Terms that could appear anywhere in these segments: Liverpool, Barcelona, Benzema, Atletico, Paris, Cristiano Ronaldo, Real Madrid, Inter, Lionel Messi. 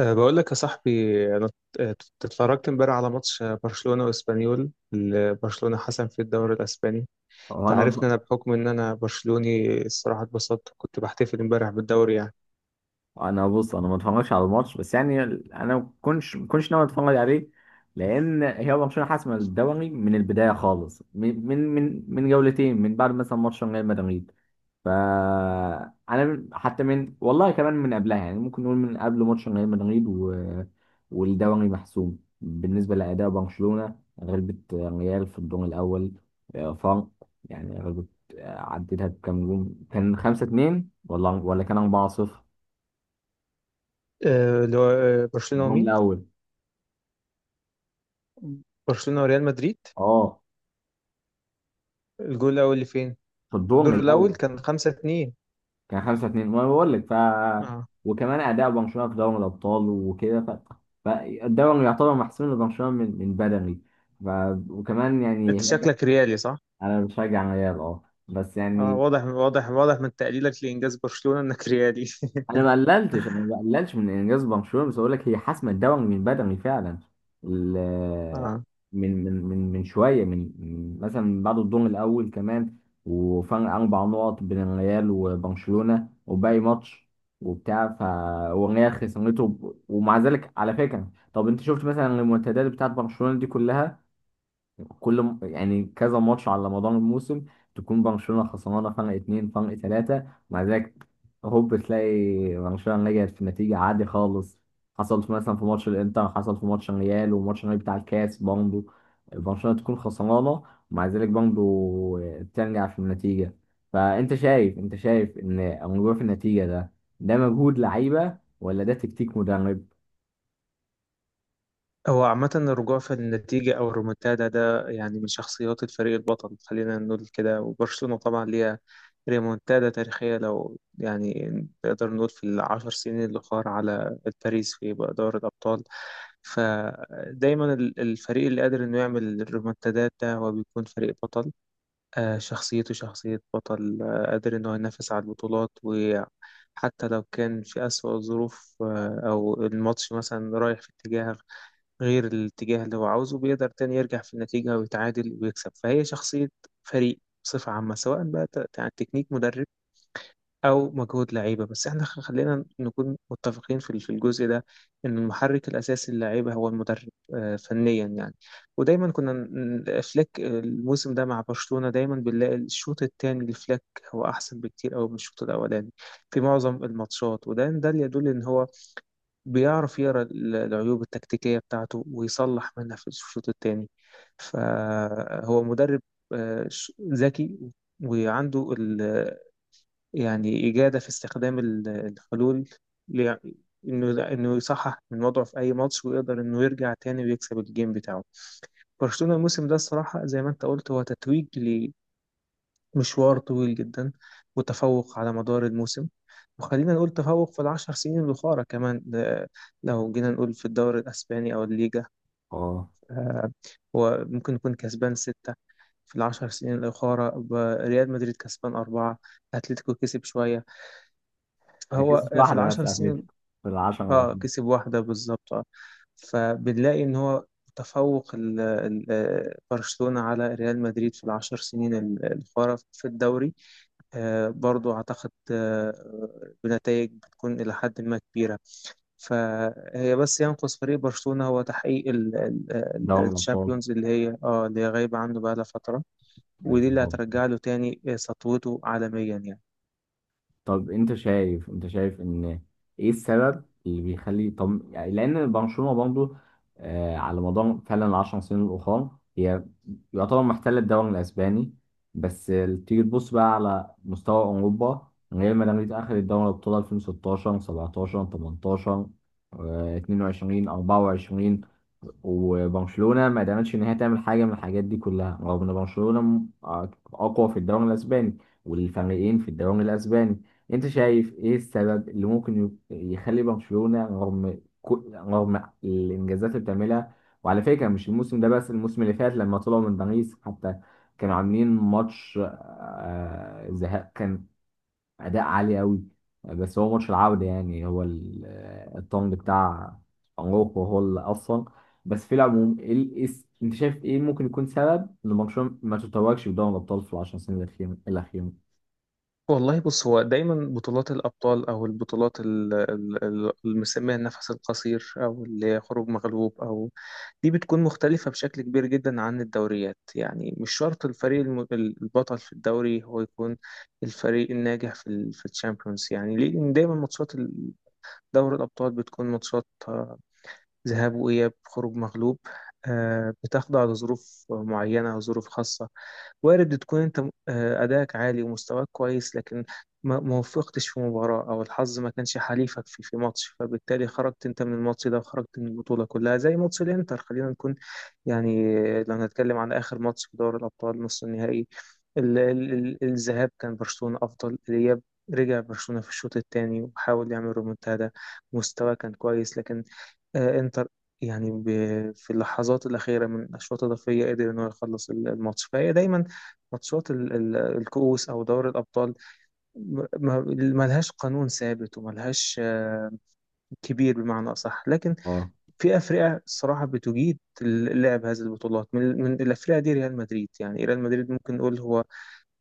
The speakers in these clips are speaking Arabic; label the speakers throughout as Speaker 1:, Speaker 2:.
Speaker 1: بقول لك يا صاحبي. انا اتفرجت امبارح على ماتش برشلونة واسبانيول اللي برشلونة حسم في الدوري الاسباني. انت
Speaker 2: هو انا
Speaker 1: عارف
Speaker 2: متف...
Speaker 1: ان انا، بحكم ان انا برشلوني، الصراحة اتبسطت. كنت بحتفل امبارح بالدوري يعني.
Speaker 2: انا بص، انا ما اتفرجش على الماتش بس يعني، انا ما كنتش ناوي اتفرج عليه، لان هي برشلونه حاسمه الدوري من البدايه خالص، من جولتين من بعد مثلا ماتش ريال مدريد. ف انا حتى من والله كمان من قبلها يعني، ممكن نقول من قبل ماتش ريال مدريد والدوري محسوم بالنسبه لاداء برشلونه. غلبت ريال في الدور الاول، آه، فرق، يعني غلبت. آه، عدتها بكام جون؟ كان 5 2 ولا كان 4 0.
Speaker 1: اللي هو برشلونة
Speaker 2: الدون
Speaker 1: ومين؟
Speaker 2: الاول.
Speaker 1: برشلونة وريال مدريد.
Speaker 2: اه،
Speaker 1: الجول الاول اللي فين؟
Speaker 2: في الدور
Speaker 1: الدور الاول
Speaker 2: الاول
Speaker 1: كان 5-2.
Speaker 2: كان 5 2. وانا بقول لك،
Speaker 1: اه.
Speaker 2: وكمان اداء برشلونه في دوري الابطال وكده، فالدوري يعتبر محسوم لبرشلونه من بدري. ف... وكمان يعني
Speaker 1: انت شكلك ريالي، صح؟
Speaker 2: انا بشجع ريال، اه، بس
Speaker 1: اه،
Speaker 2: يعني،
Speaker 1: واضح واضح واضح من تقليلك لانجاز برشلونة انك ريالي.
Speaker 2: انا ما قللتش من انجاز برشلونه، بس اقول لك هي حسمت دوري من بدري فعلا. ال- من شويه، من من مثلا بعد الدور الاول كمان، وفرق اربع نقط بين الريال وبرشلونه، وباقي ماتش وبتاع ف والريال خسرته. ومع ذلك، على فكره، طب انت شفت مثلا المنتديات بتاعت برشلونه دي كلها؟ يعني كذا ماتش على مدار الموسم تكون برشلونة خسرانة فرق اتنين، فرق تلاتة، ومع ذلك هوب تلاقي برشلونة رجعت في نتيجة عادي خالص. مثلا في ماتش الانتر، حصل في ماتش الريال، وماتش الريال بتاع الكاس برضه، برشلونة تكون خسرانة، ومع ذلك برضه ترجع في النتيجة. فأنت شايف أنت شايف إن الرجوع في النتيجة ده، ده مجهود لعيبة ولا ده تكتيك مدرب؟
Speaker 1: هو عامة الرجوع في النتيجة أو الريمونتادا ده يعني من شخصيات الفريق البطل، خلينا نقول كده. وبرشلونة طبعا ليها ريمونتادا تاريخية، لو يعني نقدر نقول في العشر سنين الأخرى على باريس في دوري الأبطال. فدايما الفريق اللي قادر إنه يعمل الريمونتادات ده هو بيكون فريق بطل. شخصيته شخصية بطل، قادر إنه ينافس على البطولات، و حتى لو كان في أسوأ الظروف، أو الماتش مثلا رايح في اتجاه غير الاتجاه اللي هو عاوزه، بيقدر تاني يرجع في النتيجة ويتعادل ويكسب، فهي شخصية فريق بصفة عامة. سواء بقى تكنيك مدرب أو مجهود لعيبة، بس احنا، خلينا نكون متفقين في في الجزء ده، إن المحرك الأساسي للعيبة هو المدرب. فنيا يعني. ودايما كنا، فليك الموسم ده مع برشلونة، دايما بنلاقي الشوط الثاني لفليك هو أحسن بكتير أوي من الشوط الأولاني في معظم الماتشات. وده اللي يدل إن هو بيعرف يقرا العيوب التكتيكية بتاعته ويصلح منها في الشوط التاني. فهو مدرب ذكي، وعنده يعني إجادة في استخدام الحلول، ل- إنه يصحح من وضعه في أي ماتش ويقدر إنه يرجع تاني ويكسب الجيم بتاعه. برشلونة الموسم ده الصراحة، زي ما أنت قلت، هو تتويج مشوار طويل جدا، وتفوق على مدار الموسم. وخلينا نقول تفوق في العشر سنين الأخرى كمان، ده لو جينا نقول في الدوري الأسباني أو الليجا.
Speaker 2: اه.
Speaker 1: آه، هو ممكن يكون كسبان ستة في العشر سنين الأخرى. ريال مدريد كسبان أربعة، أتلتيكو كسب شوية،
Speaker 2: أكيد
Speaker 1: فهو
Speaker 2: مش
Speaker 1: في
Speaker 2: واحدة بس
Speaker 1: العشر سنين
Speaker 2: أتلتيكو في العشرة الأفضل.
Speaker 1: كسب واحدة بالظبط. فبنلاقي إن هو تفوق، برشلونة على ريال مدريد في العشر سنين الأخرى في الدوري، برضو أعتقد بنتائج بتكون إلى حد ما كبيرة. فهي بس ينقص فريق برشلونة هو تحقيق
Speaker 2: دوري الأبطال،
Speaker 1: الشامبيونز، اللي هي اللي هي غايبة عنه بقالها فترة.
Speaker 2: بقت
Speaker 1: ودي اللي
Speaker 2: الحب.
Speaker 1: هترجع له تاني سطوته عالميا يعني.
Speaker 2: طب انت شايف انت شايف ان ايه السبب اللي بيخلي، طب يعني لان برشلونه برضه آه على مدار فعلا العشر سنين الاخرى، هي يعتبر محتله الدوري الاسباني، بس تيجي تبص بقى على مستوى اوروبا. ريال مدريد اخذ الدوري الابطال 2016 17 18، آه، 22 24، وبرشلونة ما قدرتش إن هي تعمل حاجة من الحاجات دي كلها، رغم إن آه، أقوى في الدوري الأسباني والفريقين في الدوري الأسباني. أنت شايف إيه السبب اللي يخلي برشلونة، رغم الإنجازات اللي بتعملها، وعلى فكرة مش الموسم ده بس، الموسم اللي فات لما طلعوا من باريس حتى، كانوا عاملين ماتش ذهاب اداء عالي قوي، بس هو ماتش العودة يعني، الطنج بتاع أراوخو هو اللي أصلا. بس في العموم، إيه ال- إيه س- أنت شايف إيه ممكن يكون سبب إن برشلونة ما تتوجش بدوري الأبطال في العشر سنين الأخيرة؟
Speaker 1: والله بص، هو دايما بطولات الأبطال، أو البطولات اللي بنسميها النفس القصير، أو اللي هي خروج مغلوب، أو دي، بتكون مختلفة بشكل كبير جدا عن الدوريات. يعني مش شرط الفريق البطل في الدوري هو يكون الفريق الناجح في في الشامبيونز. يعني ليه؟ لأن دايما ماتشات دوري الأبطال بتكون ماتشات ذهاب وإياب، خروج مغلوب، بتخضع لظروف معينة أو ظروف خاصة. وارد تكون أنت أداءك عالي ومستواك كويس، لكن ما وفقتش في مباراة، أو الحظ ما كانش حليفك في ماتش، فبالتالي خرجت أنت من الماتش ده وخرجت من البطولة كلها زي ماتش الإنتر. خلينا نكون يعني، لو هنتكلم عن آخر ماتش في دوري الأبطال نص النهائي، الذهاب كان برشلونة أفضل. الإياب، رجع برشلونة في الشوط الثاني وحاول يعمل رومنتادا، مستواه كان كويس، لكن انتر يعني في اللحظات الأخيرة من أشواط إضافية قدر إن هو يخلص الماتش. فهي دايما ماتشات الكؤوس أو دوري الأبطال، م- ما- ملهاش قانون ثابت وملهاش كبير بمعنى أصح، لكن
Speaker 2: أه.
Speaker 1: في أفرقة الصراحة بتجيد لعب هذه البطولات. من الأفرقة دي ريال مدريد، يعني ريال مدريد ممكن نقول هو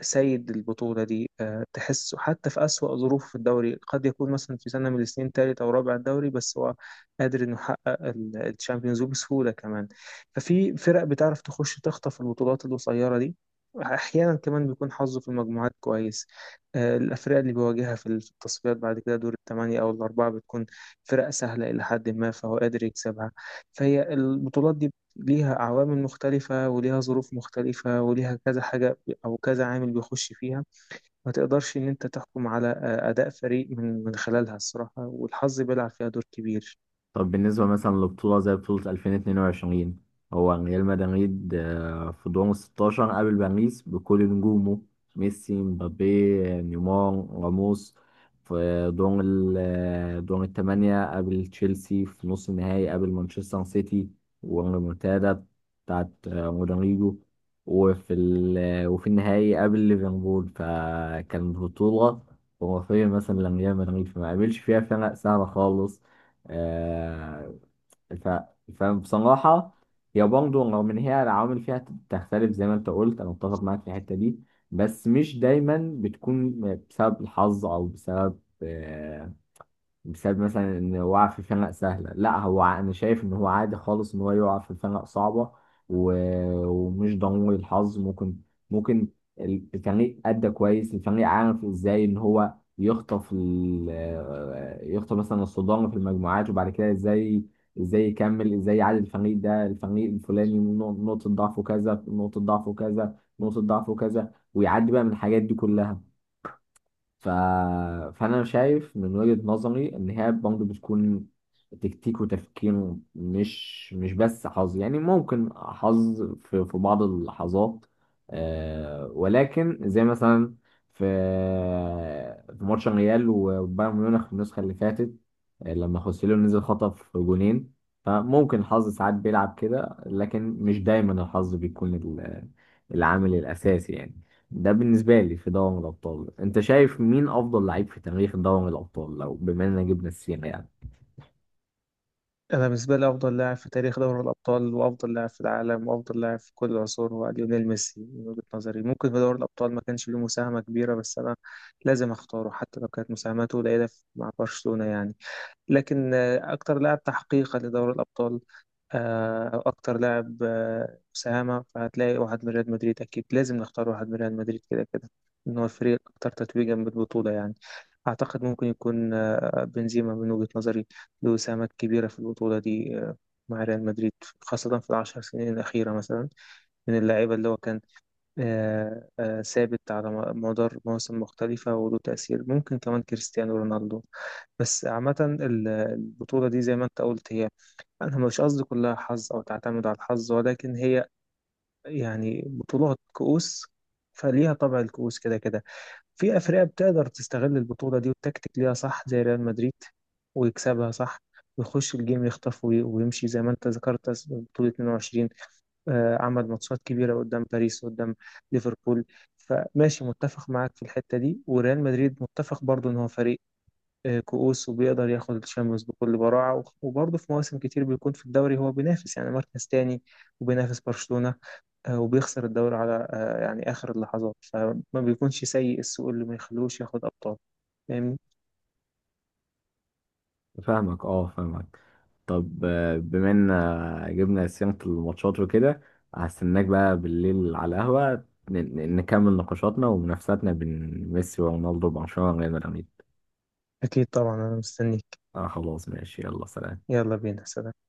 Speaker 1: سيد البطولة دي، تحسه حتى في أسوأ ظروف في الدوري قد يكون مثلا في سنة من السنين تالت أو رابع الدوري، بس هو قادر إنه يحقق الشامبيونز ليج بسهولة كمان. ففي فرق بتعرف تخش تخطف البطولات القصيرة دي، أحيانا كمان بيكون حظه في المجموعات كويس، الأفرقة اللي بيواجهها في التصفيات بعد كده دور الثمانية أو الأربعة بتكون فرق سهلة إلى حد ما، فهو قادر يكسبها. فهي البطولات دي ليها عوامل مختلفة وليها ظروف مختلفة وليها كذا حاجة أو كذا عامل بيخش فيها. ما تقدرش إن أنت تحكم على أداء فريق من خلالها الصراحة، والحظ بيلعب فيها دور كبير.
Speaker 2: طب بالنسبة مثلا لبطولة زي بطولة 2022، هو ريال مدريد آه، في دور ال 16 قابل باريس بكل نجومه، ميسي، مبابي، نيمار، راموس. في دور ال آه، دور الثمانية قابل تشيلسي، في نص النهائي قابل مانشستر سيتي والريمونتادا بتاعت آه، رودريجو، وفي ال آه، وفي النهائي قابل ليفربول. فكان بطولة خرافية مثلا لريال مدريد، فما قابلش فيها فرق سهلة خالص، آه، ف... فبصراحة هي برضه رغم إن هي العوامل فيها تختلف زي ما أنت قلت، أنا متفق معاك في الحتة دي، بس مش دايما بتكون بسبب الحظ أو بسبب آه، بسبب مثلا ان وقع في خناقه سهله. لا، انا شايف ان هو عادي خالص ان هو يقع في خناقه صعبه، و... ومش ضروري الحظ. ممكن الفريق ادى كويس، الفريق عارف ازاي ان هو يخطف آه، يخطف مثلا الصدام في المجموعات، وبعد كده ازاي يكمل، ازاي يعادل الفريق ده، الفريق الفلاني نقطه ضعفه كذا، نقطه ضعفه كذا، نقطه ضعفه كذا، ويعدي بقى من الحاجات دي كلها. ف... فأنا شايف من وجهة نظري إن هي برضه بتكون تكتيك وتفكير، مش بس حظ، يعني ممكن حظ في بعض اللحظات آه، ولكن زي مثلا في في ماتش الريال وبايرن ميونخ في النسخة اللي فاتت، آه، لما خوسيلو نزل خطف جونين. فممكن الحظ ساعات بيلعب كده، لكن مش دايما الحظ بيكون العامل الأساسي يعني. ده بالنسبة لي في دوري الأبطال. أنت شايف مين أفضل لعيب في تاريخ دوري الأبطال، لو بما إننا جبنا السيرة يعني؟
Speaker 1: أنا بالنسبة لي أفضل لاعب في تاريخ دوري الأبطال، وأفضل لاعب في العالم، وأفضل لاعب في كل العصور، هو ليونيل ميسي من وجهة نظري. ممكن في دوري الأبطال ما كانش له مساهمة كبيرة، بس أنا لازم أختاره حتى لو كانت مساهماته قليلة مع برشلونة يعني. لكن أكتر لاعب تحقيقا لدوري الأبطال، أو أكتر لاعب مساهمة، فهتلاقي واحد من ريال مدريد. أكيد لازم نختار واحد من ريال مدريد كده كده، إن هو الفريق الأكثر تتويجا بالبطولة يعني. أعتقد ممكن يكون بنزيما من وجهة نظري، له إسهامات كبيرة في البطولة دي مع ريال مدريد، خاصة في العشر سنين الأخيرة مثلا، من اللعيبة اللي هو كان ثابت على مدار مواسم مختلفة وله تأثير. ممكن كمان كريستيانو رونالدو. بس عامة البطولة دي، زي ما أنت قلت هي، أنا مش قصدي كلها حظ أو تعتمد على الحظ، ولكن هي يعني بطولات كؤوس، فليها طبع الكؤوس كده كده. في أفرقة بتقدر تستغل البطولة دي والتكتيك ليها صح زي ريال مدريد، ويكسبها صح، ويخش الجيم يخطف ويمشي. زي ما أنت ذكرت بطولة 22، عمل ماتشات كبيرة قدام باريس قدام ليفربول. فماشي متفق معاك في الحتة دي. وريال مدريد متفق برضه ان هو فريق كؤوس، وبيقدر ياخد الشامبيونز بكل براعة، وبرضه في مواسم كتير بيكون في الدوري هو بينافس يعني مركز تاني، وبينافس برشلونة، وبيخسر الدوري على يعني آخر اللحظات، فما بيكونش سيء السوق اللي ما يخلوش ياخد أبطال. فاهمني؟
Speaker 2: فاهمك، أه، فاهمك. طب آه، بما إننا جبنا سيرة الماتشات وكده، هستناك بقى بالليل على القهوة، نكمل نقاشاتنا ومنافساتنا بين ميسي ورونالدو وبرشلونة وريال مدريد.
Speaker 1: أكيد طبعا أنا مستنيك.
Speaker 2: آه خلاص، ماشي، يلا سلام.
Speaker 1: يلا بينا سلام.